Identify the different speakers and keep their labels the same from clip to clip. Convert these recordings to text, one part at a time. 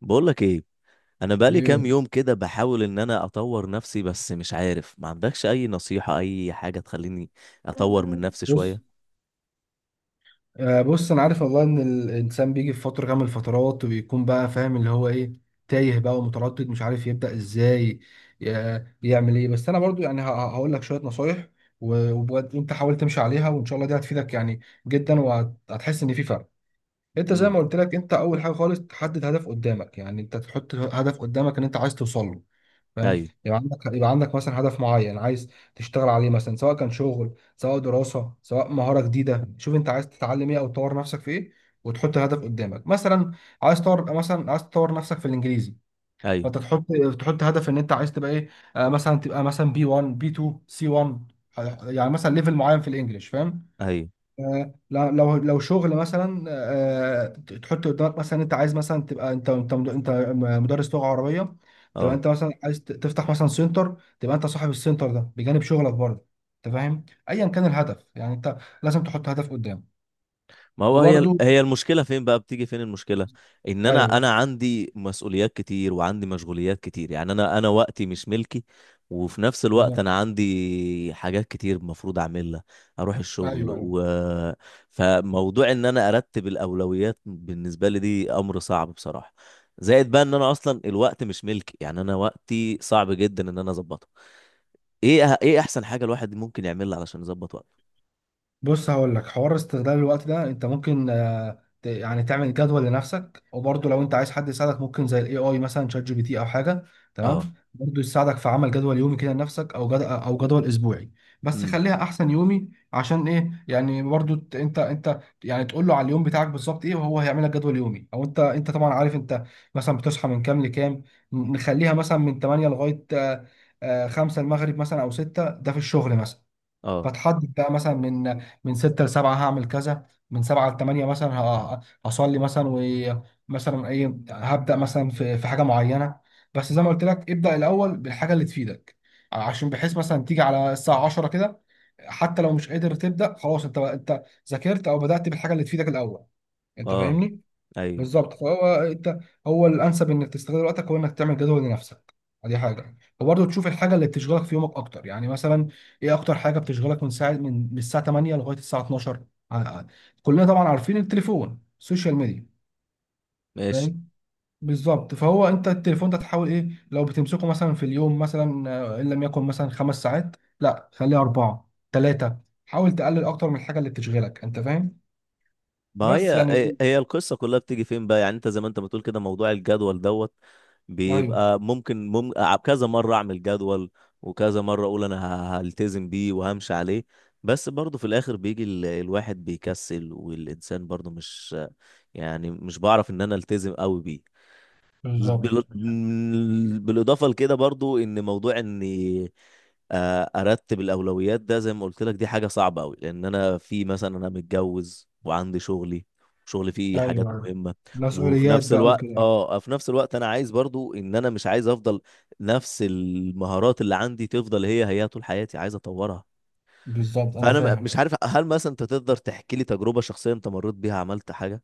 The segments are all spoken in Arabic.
Speaker 1: بقولك ايه؟ انا بقالي كام
Speaker 2: ايه.
Speaker 1: يوم كده بحاول ان انا اطور نفسي، بس مش عارف. ما عندكش اي نصيحة، اي حاجة تخليني اطور من نفسي
Speaker 2: بص
Speaker 1: شوية؟
Speaker 2: بص، انا عارف والله ان الانسان بيجي في فتره كامل الفترات، وبيكون بقى فاهم اللي هو ايه، تايه بقى ومتردد مش عارف يبدا ازاي، يعمل ايه. بس انا برضو هقول لك شويه نصايح، وبجد انت حاول تمشي عليها، وان شاء الله دي هتفيدك يعني جدا، وهتحس ان في فرق. انت زي ما
Speaker 1: امم
Speaker 2: قلت لك، انت اول حاجه خالص تحدد هدف قدامك، يعني انت تحط هدف قدامك ان انت عايز توصل له. فاهم؟
Speaker 1: ايوه.
Speaker 2: يبقى عندك مثلا هدف معين عايز تشتغل عليه، مثلا سواء كان شغل، سواء دراسة، سواء مهارة جديدة. شوف انت عايز تتعلم ايه او تطور نفسك في ايه، وتحط هدف قدامك. مثلا عايز تطور، مثلا عايز تطور نفسك في الانجليزي،
Speaker 1: ايوه.
Speaker 2: فانت تحط هدف ان انت عايز تبقى ايه. آه، مثلا تبقى مثلا بي 1 بي 2 سي 1، يعني مثلا ليفل معين في الانجليش. فاهم؟
Speaker 1: ايوه.
Speaker 2: لو شغل مثلا، تحط قدامك مثلا انت عايز مثلا تبقى انت مدرس لغه عربيه، تبقى
Speaker 1: اه.
Speaker 2: انت مثلا عايز تفتح مثلا سنتر، تبقى انت صاحب السنتر ده بجانب شغلك برضه. انت فاهم؟ ايا كان الهدف، يعني انت لازم تحط هدف قدام.
Speaker 1: ما هو هي
Speaker 2: وبرضه
Speaker 1: هي المشكلة فين بقى؟ بتيجي فين المشكلة؟ ان انا
Speaker 2: ايوه.
Speaker 1: انا عندي مسؤوليات كتير وعندي مشغوليات كتير، يعني انا وقتي مش ملكي. وفي نفس الوقت
Speaker 2: بالظبط.
Speaker 1: انا عندي حاجات كتير المفروض اعملها، اروح الشغل
Speaker 2: ايوه، ايوه.
Speaker 1: فموضوع ان انا ارتب الاولويات بالنسبة لي دي امر صعب بصراحة. زائد بقى ان انا اصلا الوقت مش ملكي، يعني انا وقتي صعب جدا ان انا اظبطه. ايه احسن حاجة الواحد ممكن يعملها علشان يظبط وقته؟
Speaker 2: بص، هقول لك. حوار استغلال الوقت ده انت ممكن يعني تعمل جدول لنفسك. وبرضه لو انت عايز حد يساعدك، ممكن زي الاي اي، مثلا شات جي بي تي او حاجه. تمام.
Speaker 1: اه.
Speaker 2: برضه يساعدك في عمل جدول يومي كده لنفسك، او جدول اسبوعي. بس
Speaker 1: امم
Speaker 2: خليها احسن يومي، عشان ايه؟ يعني برضه انت يعني تقول له على اليوم بتاعك بالظبط ايه، وهو هيعمل لك جدول يومي. او انت طبعا عارف انت مثلا بتصحى من كام لكام. نخليها مثلا من 8 لغايه 5 المغرب مثلا او 6، ده في الشغل مثلا.
Speaker 1: اه.
Speaker 2: فتحدد بقى مثلا من 6 ل 7 هعمل كذا، من 7 ل 8 مثلا هصلي مثلا. ومثلا ايه، هبدأ مثلا في حاجة معينة. بس زي ما قلت لك ابدأ الأول بالحاجة اللي تفيدك، عشان بحيث مثلا تيجي على الساعة 10 كده، حتى لو مش قادر تبدأ خلاص، انت ذاكرت او بدأت بالحاجة اللي تفيدك الأول. انت
Speaker 1: اه.
Speaker 2: فاهمني؟
Speaker 1: ايوه.
Speaker 2: بالظبط. فهو انت، هو الانسب انك تستغل وقتك، هو انك تعمل جدول لنفسك. دي حاجه. وبرضه تشوف الحاجه اللي بتشغلك في يومك اكتر، يعني مثلا ايه اكتر حاجه بتشغلك، من ساعه، من الساعه 8 لغايه الساعه 12. ع- ع- كلنا طبعا عارفين التليفون، السوشيال ميديا.
Speaker 1: ماشي.
Speaker 2: فاهم. بالظبط. فهو انت التليفون ده تحاول ايه، لو بتمسكه مثلا في اليوم مثلا، ان لم يكن مثلا 5 ساعات، لا خليه 4، 3. حاول تقلل اكتر من الحاجه اللي بتشغلك. انت فاهم؟
Speaker 1: ما هي
Speaker 2: بس يعني.
Speaker 1: هي هي القصة كلها بتيجي فين بقى؟ يعني انت زي ما انت بتقول كده، موضوع الجدول دوت
Speaker 2: ايوه.
Speaker 1: بيبقى ممكن كذا مرة اعمل جدول وكذا مرة اقول انا هلتزم بيه وهمشي عليه، بس برضه في الاخر بيجي الواحد بيكسل والانسان برضه مش، يعني مش بعرف ان انا التزم قوي بيه.
Speaker 2: بالظبط.
Speaker 1: بالاضافه لكده برضو ان موضوع اني ارتب الاولويات ده زي ما قلت لك دي حاجه صعبه قوي، لان انا في مثلا انا متجوز وعندي شغلي، شغلي فيه حاجات
Speaker 2: ايوه.
Speaker 1: مهمه. وفي
Speaker 2: مسؤوليات
Speaker 1: نفس
Speaker 2: بقى
Speaker 1: الوقت
Speaker 2: وكده.
Speaker 1: في نفس الوقت انا عايز برضو ان انا مش عايز افضل نفس المهارات اللي عندي تفضل هي طول حياتي، عايز اطورها.
Speaker 2: بالظبط، انا
Speaker 1: فانا
Speaker 2: فاهم.
Speaker 1: مش عارف، هل مثلا انت تقدر تحكي لي تجربه شخصيه انت مريت بيها عملت حاجه؟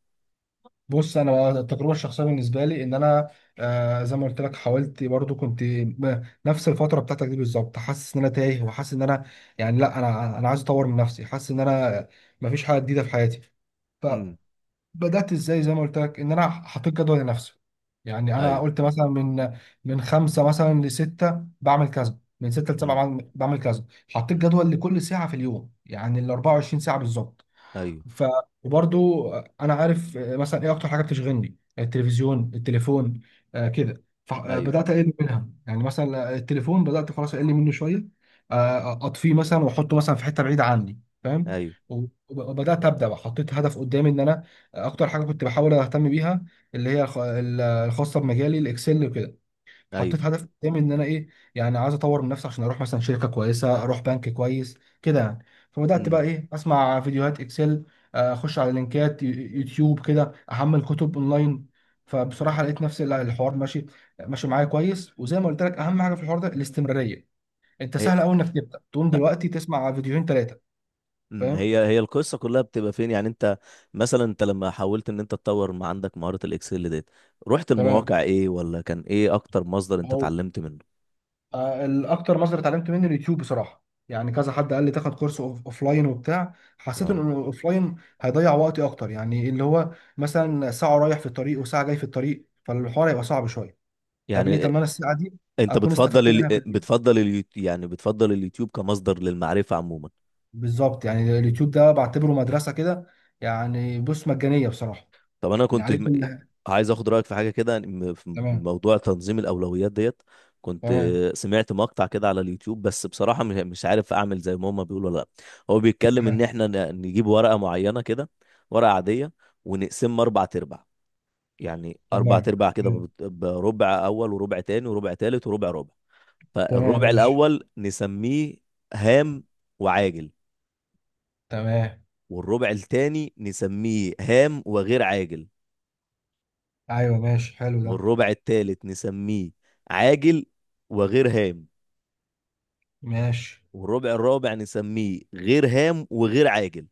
Speaker 2: بص، انا بقى التجربه الشخصيه بالنسبه لي، ان انا، آه، زي ما قلت لك، حاولت برضو، كنت نفس الفتره بتاعتك دي بالظبط، حاسس ان انا تايه، وحاسس ان انا يعني، لا انا عايز اطور من نفسي، حاسس ان انا مفيش حاجه جديده في حياتي.
Speaker 1: امم
Speaker 2: فبدات ازاي؟ زي ما قلت لك، ان انا حطيت جدول لنفسي. يعني انا
Speaker 1: ايوه.
Speaker 2: قلت مثلا من خمسه مثلا لسته بعمل كذا، من سته لسبعه
Speaker 1: امم
Speaker 2: بعمل كذا. حطيت جدول لكل ساعه في اليوم، يعني ال 24 ساعه بالظبط.
Speaker 1: ايوه.
Speaker 2: ف، وبرضو انا عارف، مثلا ايه اكتر حاجه بتشغلني؟ التلفزيون، التليفون، آه كده.
Speaker 1: ايوه.
Speaker 2: فبدات اقل منها، يعني مثلا التليفون بدات خلاص اقل منه شويه. اطفيه مثلا واحطه مثلا في حته بعيده عني. فاهم.
Speaker 1: ايوه.
Speaker 2: وبدات ابدا بقى. حطيت هدف قدامي ان انا اكتر حاجه كنت بحاول اهتم بيها، اللي هي الخاصه بمجالي، الاكسل وكده.
Speaker 1: ايوه.
Speaker 2: حطيت هدف قدامي ان انا ايه، يعني عايز اطور من نفسي، عشان اروح مثلا شركه كويسه، اروح بنك كويس كده يعني. فبدات بقى
Speaker 1: امم
Speaker 2: ايه، اسمع فيديوهات اكسل، اخش على لينكات يوتيوب كده، احمل كتب اونلاين. فبصراحه لقيت نفسي لا، الحوار ماشي ماشي معايا كويس. وزي ما قلت لك اهم حاجه في الحوار ده الاستمراريه. انت
Speaker 1: هي
Speaker 2: سهل قوي انك تبدا تقوم دلوقتي تسمع فيديوهين، ثلاثه. فاهم.
Speaker 1: هي القصه كلها بتبقى فين يعني انت مثلا؟ انت لما حاولت ان انت تطور ما عندك مهاره الاكسل ديت، رحت المواقع
Speaker 2: تمام.
Speaker 1: ايه؟ ولا كان ايه اكتر مصدر انت اتعلمت منه؟
Speaker 2: الاكتر مصدر اتعلمت منه اليوتيوب بصراحه. يعني كذا حد قال لي تاخد كورس اوف لاين وبتاع، حسيت ان
Speaker 1: اه،
Speaker 2: الاوف لاين هيضيع وقتي اكتر. يعني اللي هو مثلا ساعه رايح في الطريق وساعه جاي في الطريق، فالحوار هيبقى صعب شويه. طب ليه؟
Speaker 1: يعني
Speaker 2: طب ما انا الساعه دي
Speaker 1: انت
Speaker 2: اكون استفدت منها في البيت.
Speaker 1: بتفضل اليوتيوب؟ يعني بتفضل اليوتيوب كمصدر للمعرفه عموما؟
Speaker 2: بالظبط. يعني اليوتيوب ده بعتبره مدرسه كده، يعني بص مجانيه بصراحه،
Speaker 1: طب انا
Speaker 2: يعني
Speaker 1: كنت
Speaker 2: عليه كل حاجة.
Speaker 1: عايز اخد رايك في حاجه كده، في
Speaker 2: تمام
Speaker 1: موضوع تنظيم الاولويات ديت. كنت
Speaker 2: تمام.
Speaker 1: سمعت مقطع كده على اليوتيوب، بس بصراحه مش عارف اعمل زي ما هما بيقولوا ولا لا. هو بيتكلم ان
Speaker 2: ماشي.
Speaker 1: احنا نجيب ورقه معينه كده، ورقه عاديه، ونقسمها اربع تربع. يعني اربع
Speaker 2: تمام.
Speaker 1: تربع كده،
Speaker 2: تمام.
Speaker 1: بربع اول وربع تاني وربع تالت وربع ربع.
Speaker 2: تمام،
Speaker 1: فالربع
Speaker 2: ماشي.
Speaker 1: الاول نسميه هام وعاجل،
Speaker 2: تمام.
Speaker 1: والربع التاني نسميه هام وغير عاجل،
Speaker 2: ايوه ماشي، حلو ده.
Speaker 1: والربع التالت نسميه عاجل وغير هام،
Speaker 2: ماشي.
Speaker 1: والربع الرابع نسميه غير هام وغير عاجل.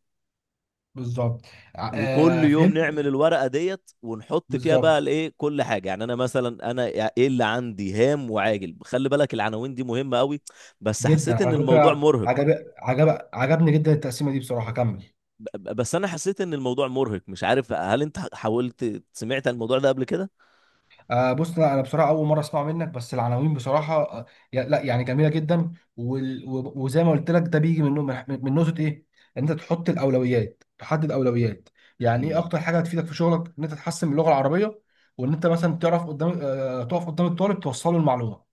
Speaker 2: بالظبط.
Speaker 1: وكل يوم
Speaker 2: فهمت.
Speaker 1: نعمل الورقة ديت ونحط فيها بقى
Speaker 2: بالظبط
Speaker 1: الايه، كل حاجة. يعني انا مثلا، انا ايه اللي عندي هام وعاجل؟ خلي بالك العناوين دي مهمة قوي. بس
Speaker 2: جدا.
Speaker 1: حسيت ان
Speaker 2: على
Speaker 1: الموضوع
Speaker 2: فكره
Speaker 1: مرهق.
Speaker 2: عجبني جدا التقسيمه دي بصراحه. كمل.
Speaker 1: بس انا حسيت ان الموضوع مرهق. مش عارف، هل انت حاولت سمعت عن الموضوع ده قبل كده؟
Speaker 2: آه بص، لا انا بصراحه اول مره اسمع منك، بس العناوين بصراحه آه، لا يعني جميله جدا. وزي ما قلت لك ده بيجي من، من نقطه ايه، ان انت تحط الاولويات، تحدد اولويات. يعني ايه
Speaker 1: مم.
Speaker 2: اكتر حاجه هتفيدك في شغلك؟ ان انت تحسن من اللغه العربيه، وان انت مثلا تعرف قدام، آه، تقف قدام الطالب توصله المعلومه.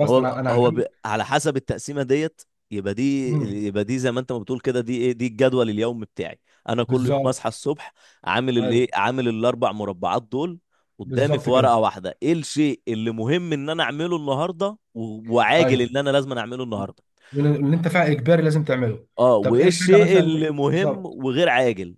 Speaker 1: ما هو
Speaker 2: انا انا هكمل.
Speaker 1: على حسب التقسيمه ديت، يبقى دي
Speaker 2: مم.
Speaker 1: يبقى دي زي ما انت ما بتقول كده، دي ايه، دي الجدول اليومي بتاعي. انا كل يوم اصحى
Speaker 2: بالظبط.
Speaker 1: الصبح عامل الايه،
Speaker 2: ايوه.
Speaker 1: عامل الاربع مربعات دول قدامي
Speaker 2: بالظبط
Speaker 1: في ورقه
Speaker 2: كده.
Speaker 1: واحده. ايه الشيء اللي مهم ان انا اعمله النهارده وعاجل ان
Speaker 2: ايوه.
Speaker 1: انا لازم اعمله النهارده،
Speaker 2: اللي انت فعلا اجباري لازم تعمله.
Speaker 1: اه،
Speaker 2: طب ايه
Speaker 1: وايه
Speaker 2: الحاجه
Speaker 1: الشيء
Speaker 2: مثلا
Speaker 1: اللي مهم
Speaker 2: بالظبط.
Speaker 1: وغير عاجل.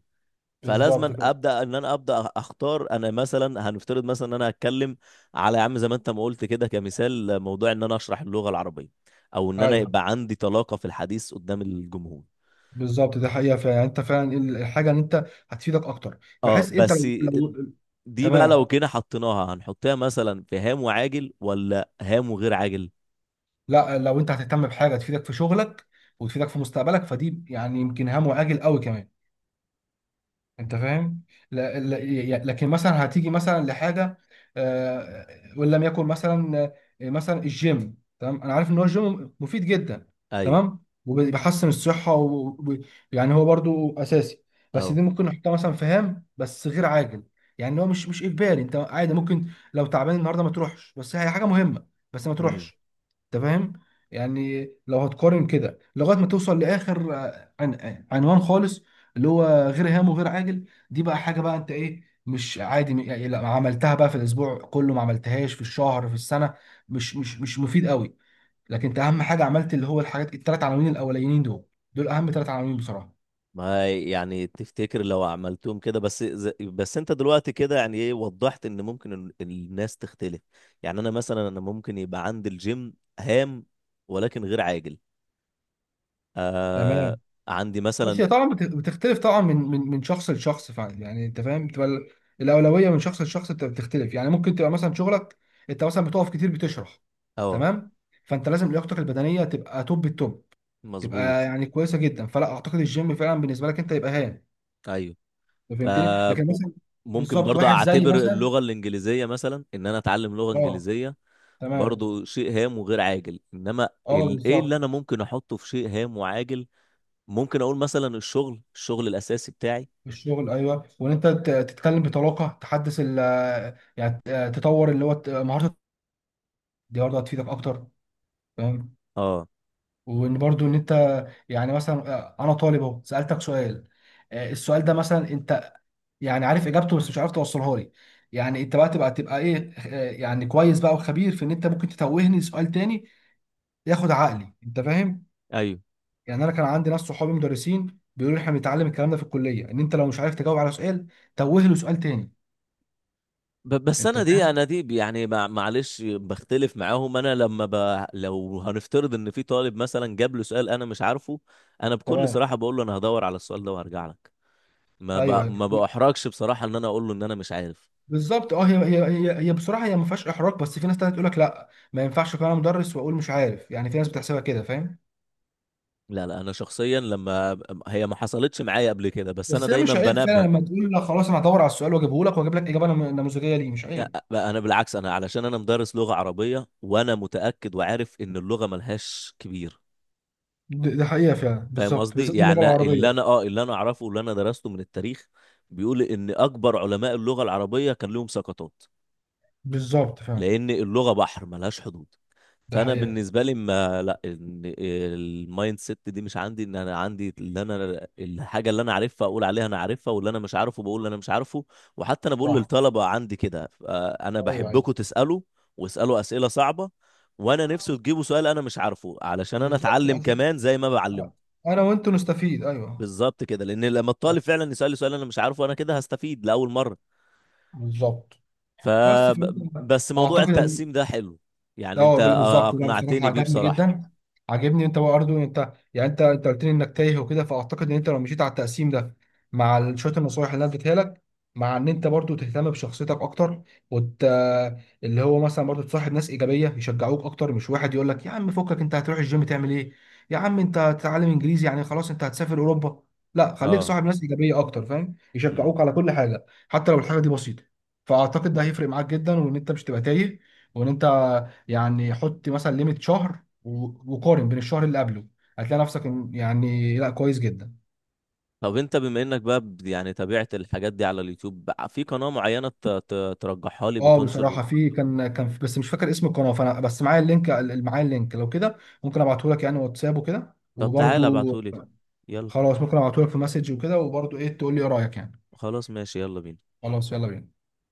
Speaker 2: بالظبط
Speaker 1: فلازما
Speaker 2: كده.
Speaker 1: ابدا ان انا ابدا اختار انا مثلا، هنفترض مثلا ان انا هتكلم على، يا عم زي ما انت ما قلت كده كمثال، موضوع ان انا اشرح اللغه العربيه، او ان انا
Speaker 2: ايوه.
Speaker 1: يبقى عندي طلاقه في الحديث قدام الجمهور.
Speaker 2: بالظبط، ده حقيقه فعلا، يعني انت فعلا ايه الحاجه اللي انت هتفيدك اكتر،
Speaker 1: اه
Speaker 2: بحيث انت لو
Speaker 1: بس
Speaker 2: لو-
Speaker 1: دي بقى لو
Speaker 2: تمام.
Speaker 1: كده حطيناها، هنحطها مثلا في هام وعاجل ولا هام وغير عاجل؟
Speaker 2: لا، لو انت هتهتم بحاجه تفيدك في شغلك وتفيدك في مستقبلك، فدي يعني يمكن هام وعاجل قوي كمان. انت فاهم؟ لا، لكن مثلا هتيجي مثلا لحاجه، آه، وان لم يكن مثلا، مثلا الجيم، تمام، انا عارف ان هو الجيم مفيد جدا،
Speaker 1: ايوه.
Speaker 2: تمام، وبيحسن الصحه، ويعني هو برضو اساسي، بس
Speaker 1: اهو.
Speaker 2: دي ممكن نحطها مثلا في هام بس غير عاجل. يعني هو مش اجباري، انت عادي ممكن لو تعبان النهارده ما تروحش، بس هي حاجه مهمه، بس ما تروحش. انت فاهم. يعني لو هتقارن كده لغايه ما توصل لاخر، آه، عن آه، عنوان خالص، اللي هو غير هام وغير عاجل، دي بقى حاجه بقى انت ايه، مش عادي، يعني لا عملتها بقى في الاسبوع كله، ما عملتهاش في الشهر، في السنه، مش مفيد قوي. لكن انت اهم حاجه عملت اللي هو الحاجات الثلاث عناوين الاولانيين دول، دول اهم ثلاث عناوين بصراحه.
Speaker 1: ما يعني تفتكر لو عملتهم كده بس، بس انت دلوقتي كده يعني ايه وضحت ان ممكن الناس تختلف. يعني انا مثلا، انا ممكن يبقى عندي الجيم هام ولكن غير عاجل. آه.
Speaker 2: تمام.
Speaker 1: عندي
Speaker 2: بص، هي
Speaker 1: مثلا،
Speaker 2: طبعا بتختلف طبعا من شخص لشخص فعلا. يعني انت فاهم بتبقى الاولويه من شخص لشخص بتختلف. يعني ممكن تبقى مثلا شغلك انت مثلا بتقف كتير بتشرح،
Speaker 1: اه،
Speaker 2: تمام، فانت لازم لياقتك البدنيه تبقى توب التوب، تبقى
Speaker 1: مظبوط.
Speaker 2: يعني كويسه جدا، فلا اعتقد الجيم فعلا بالنسبه لك انت يبقى هام.
Speaker 1: ايوه.
Speaker 2: أنت
Speaker 1: ف
Speaker 2: فهمتني. لكن مثلا،
Speaker 1: ممكن
Speaker 2: بالظبط
Speaker 1: برضه
Speaker 2: واحد زي
Speaker 1: اعتبر
Speaker 2: مثلا،
Speaker 1: اللغة الانجليزية مثلا، ان انا اتعلم لغة
Speaker 2: اه،
Speaker 1: انجليزية،
Speaker 2: تمام.
Speaker 1: برضه شيء هام وغير عاجل. انما
Speaker 2: اه
Speaker 1: ايه
Speaker 2: بالظبط.
Speaker 1: اللي انا ممكن احطه في شيء هام وعاجل؟ ممكن اقول مثلا الشغل، الشغل الاساسي بتاعي.
Speaker 2: الشغل، ايوه، وان انت تتكلم بطلاقه، تحدث ال، يعني تطور اللي هو مهارات. دي برضه هتفيدك اكتر. فاهم.
Speaker 1: اه.
Speaker 2: وان برضو ان انت يعني، مثلا، انا طالب اهو سالتك سؤال، السؤال ده مثلا انت يعني عارف اجابته بس مش عارف توصلها لي، يعني انت بقى تبقى ايه، يعني كويس بقى وخبير في ان انت ممكن تتوهني سؤال تاني، ياخد عقلي. انت فاهم.
Speaker 1: ايوه.
Speaker 2: يعني انا كان عندي ناس صحابي مدرسين بيقولوا لي احنا بنتعلم الكلام ده في الكليه، ان انت لو مش عارف تجاوب على سؤال، توه له سؤال تاني.
Speaker 1: بس
Speaker 2: انت
Speaker 1: انا دي،
Speaker 2: فاهم.
Speaker 1: معلش بختلف معاهم. انا لما لو هنفترض ان في طالب مثلا جاب له سؤال انا مش عارفه، انا بكل
Speaker 2: تمام.
Speaker 1: صراحه بقول له انا هدور على السؤال ده وهرجع لك. ما
Speaker 2: ايوه، ايوه م-
Speaker 1: باحرجش بصراحه ان انا اقول له ان انا مش عارف.
Speaker 2: بالظبط، اه، هي بصراحه هي ما فيهاش احراج، بس في ناس تانية تقول لك لا ما ينفعش اكون انا مدرس واقول مش عارف، يعني في ناس بتحسبها كده. فاهم.
Speaker 1: لا انا شخصيا لما، هي ما حصلتش معايا قبل كده، بس انا
Speaker 2: بس هي
Speaker 1: دايما
Speaker 2: مش عيب
Speaker 1: بنبه.
Speaker 2: فعلا، لما تقول لا خلاص انا هدور على السؤال واجيبه لك، واجيب لك اجابه نموذجيه، ليه مش عيب.
Speaker 1: انا بالعكس، انا علشان انا مدرس لغه عربيه، وانا متاكد وعارف ان اللغه ملهاش كبير.
Speaker 2: ده حقيقة فعلا،
Speaker 1: فاهم
Speaker 2: بالظبط،
Speaker 1: قصدي؟
Speaker 2: بالذات اللغة
Speaker 1: يعني اللي
Speaker 2: العربية.
Speaker 1: انا اللي انا اعرفه واللي انا درسته من التاريخ، بيقول ان اكبر علماء اللغه العربيه كان لهم سقطات،
Speaker 2: بالظبط فعلا.
Speaker 1: لان اللغه بحر ملهاش حدود.
Speaker 2: ده
Speaker 1: فانا
Speaker 2: حقيقه.
Speaker 1: بالنسبه لي، ما لا، إن المايند سيت دي مش عندي. ان انا عندي اللي انا الحاجه اللي انا عارفها اقول عليها انا عارفها، واللي انا مش عارفه بقول اللي انا مش عارفه. وحتى انا بقول
Speaker 2: صح.
Speaker 1: للطلبه عندي كده، انا
Speaker 2: ايوه، ايوه.
Speaker 1: بحبكم تسالوا، واسالوا اسئله صعبه، وانا نفسي تجيبوا سؤال انا مش عارفه، علشان انا
Speaker 2: بالظبط،
Speaker 1: اتعلم
Speaker 2: عشان
Speaker 1: كمان زي ما بعلمكم.
Speaker 2: انا وانت نستفيد. ايوه.
Speaker 1: بالظبط كده، لان لما الطالب فعلا يسأل لي سؤال انا مش عارفه، انا كده هستفيد لاول مره.
Speaker 2: بالظبط.
Speaker 1: ف
Speaker 2: بس فهمت.
Speaker 1: بس موضوع
Speaker 2: اعتقد ان،
Speaker 1: التقسيم ده حلو، يعني
Speaker 2: اه،
Speaker 1: انت
Speaker 2: بالظبط، لا بصراحه
Speaker 1: اقنعتني بيه
Speaker 2: عجبني
Speaker 1: بصراحه.
Speaker 2: جدا. عجبني انت برضه، انت يعني انت قلت لي انك تايه وكده، فاعتقد ان انت لو مشيت على التقسيم ده، مع شويه النصايح اللي انا اديتها لك، مع ان انت برضه تهتم بشخصيتك اكتر، وت... اللي هو مثلا برضه تصاحب ناس ايجابيه يشجعوك اكتر، مش واحد يقول لك يا عم فكك انت هتروح الجيم تعمل ايه، يا عم انت هتتعلم انجليزي يعني خلاص انت هتسافر اوروبا. لا، خليك
Speaker 1: اه.
Speaker 2: صاحب ناس ايجابيه اكتر. فاهم،
Speaker 1: امم
Speaker 2: يشجعوك على كل حاجه حتى لو الحاجه دي بسيطه. فاعتقد ده هيفرق معاك جدا، وان انت مش تبقى تايه، وان انت يعني حط مثلا ليميت شهر، وقارن بين الشهر اللي قبله، هتلاقي نفسك يعني لا كويس جدا.
Speaker 1: طب انت بما انك بقى يعني تابعت الحاجات دي على اليوتيوب بقى، في قناه معينه ترجحها لي
Speaker 2: اه
Speaker 1: بتنشر؟
Speaker 2: بصراحه في، بس مش فاكر اسم القناه، فانا بس معايا اللينك، لو كده ممكن ابعته لك، يعني واتساب وكده
Speaker 1: طب تعالى
Speaker 2: وبرده.
Speaker 1: ابعتهولي. يلا.
Speaker 2: خلاص، ممكن ابعته لك في مسج وكده وبرده، ايه تقول لي ايه رايك يعني.
Speaker 1: خلاص ماشي، يلا بينا.
Speaker 2: خلاص، يلا بينا.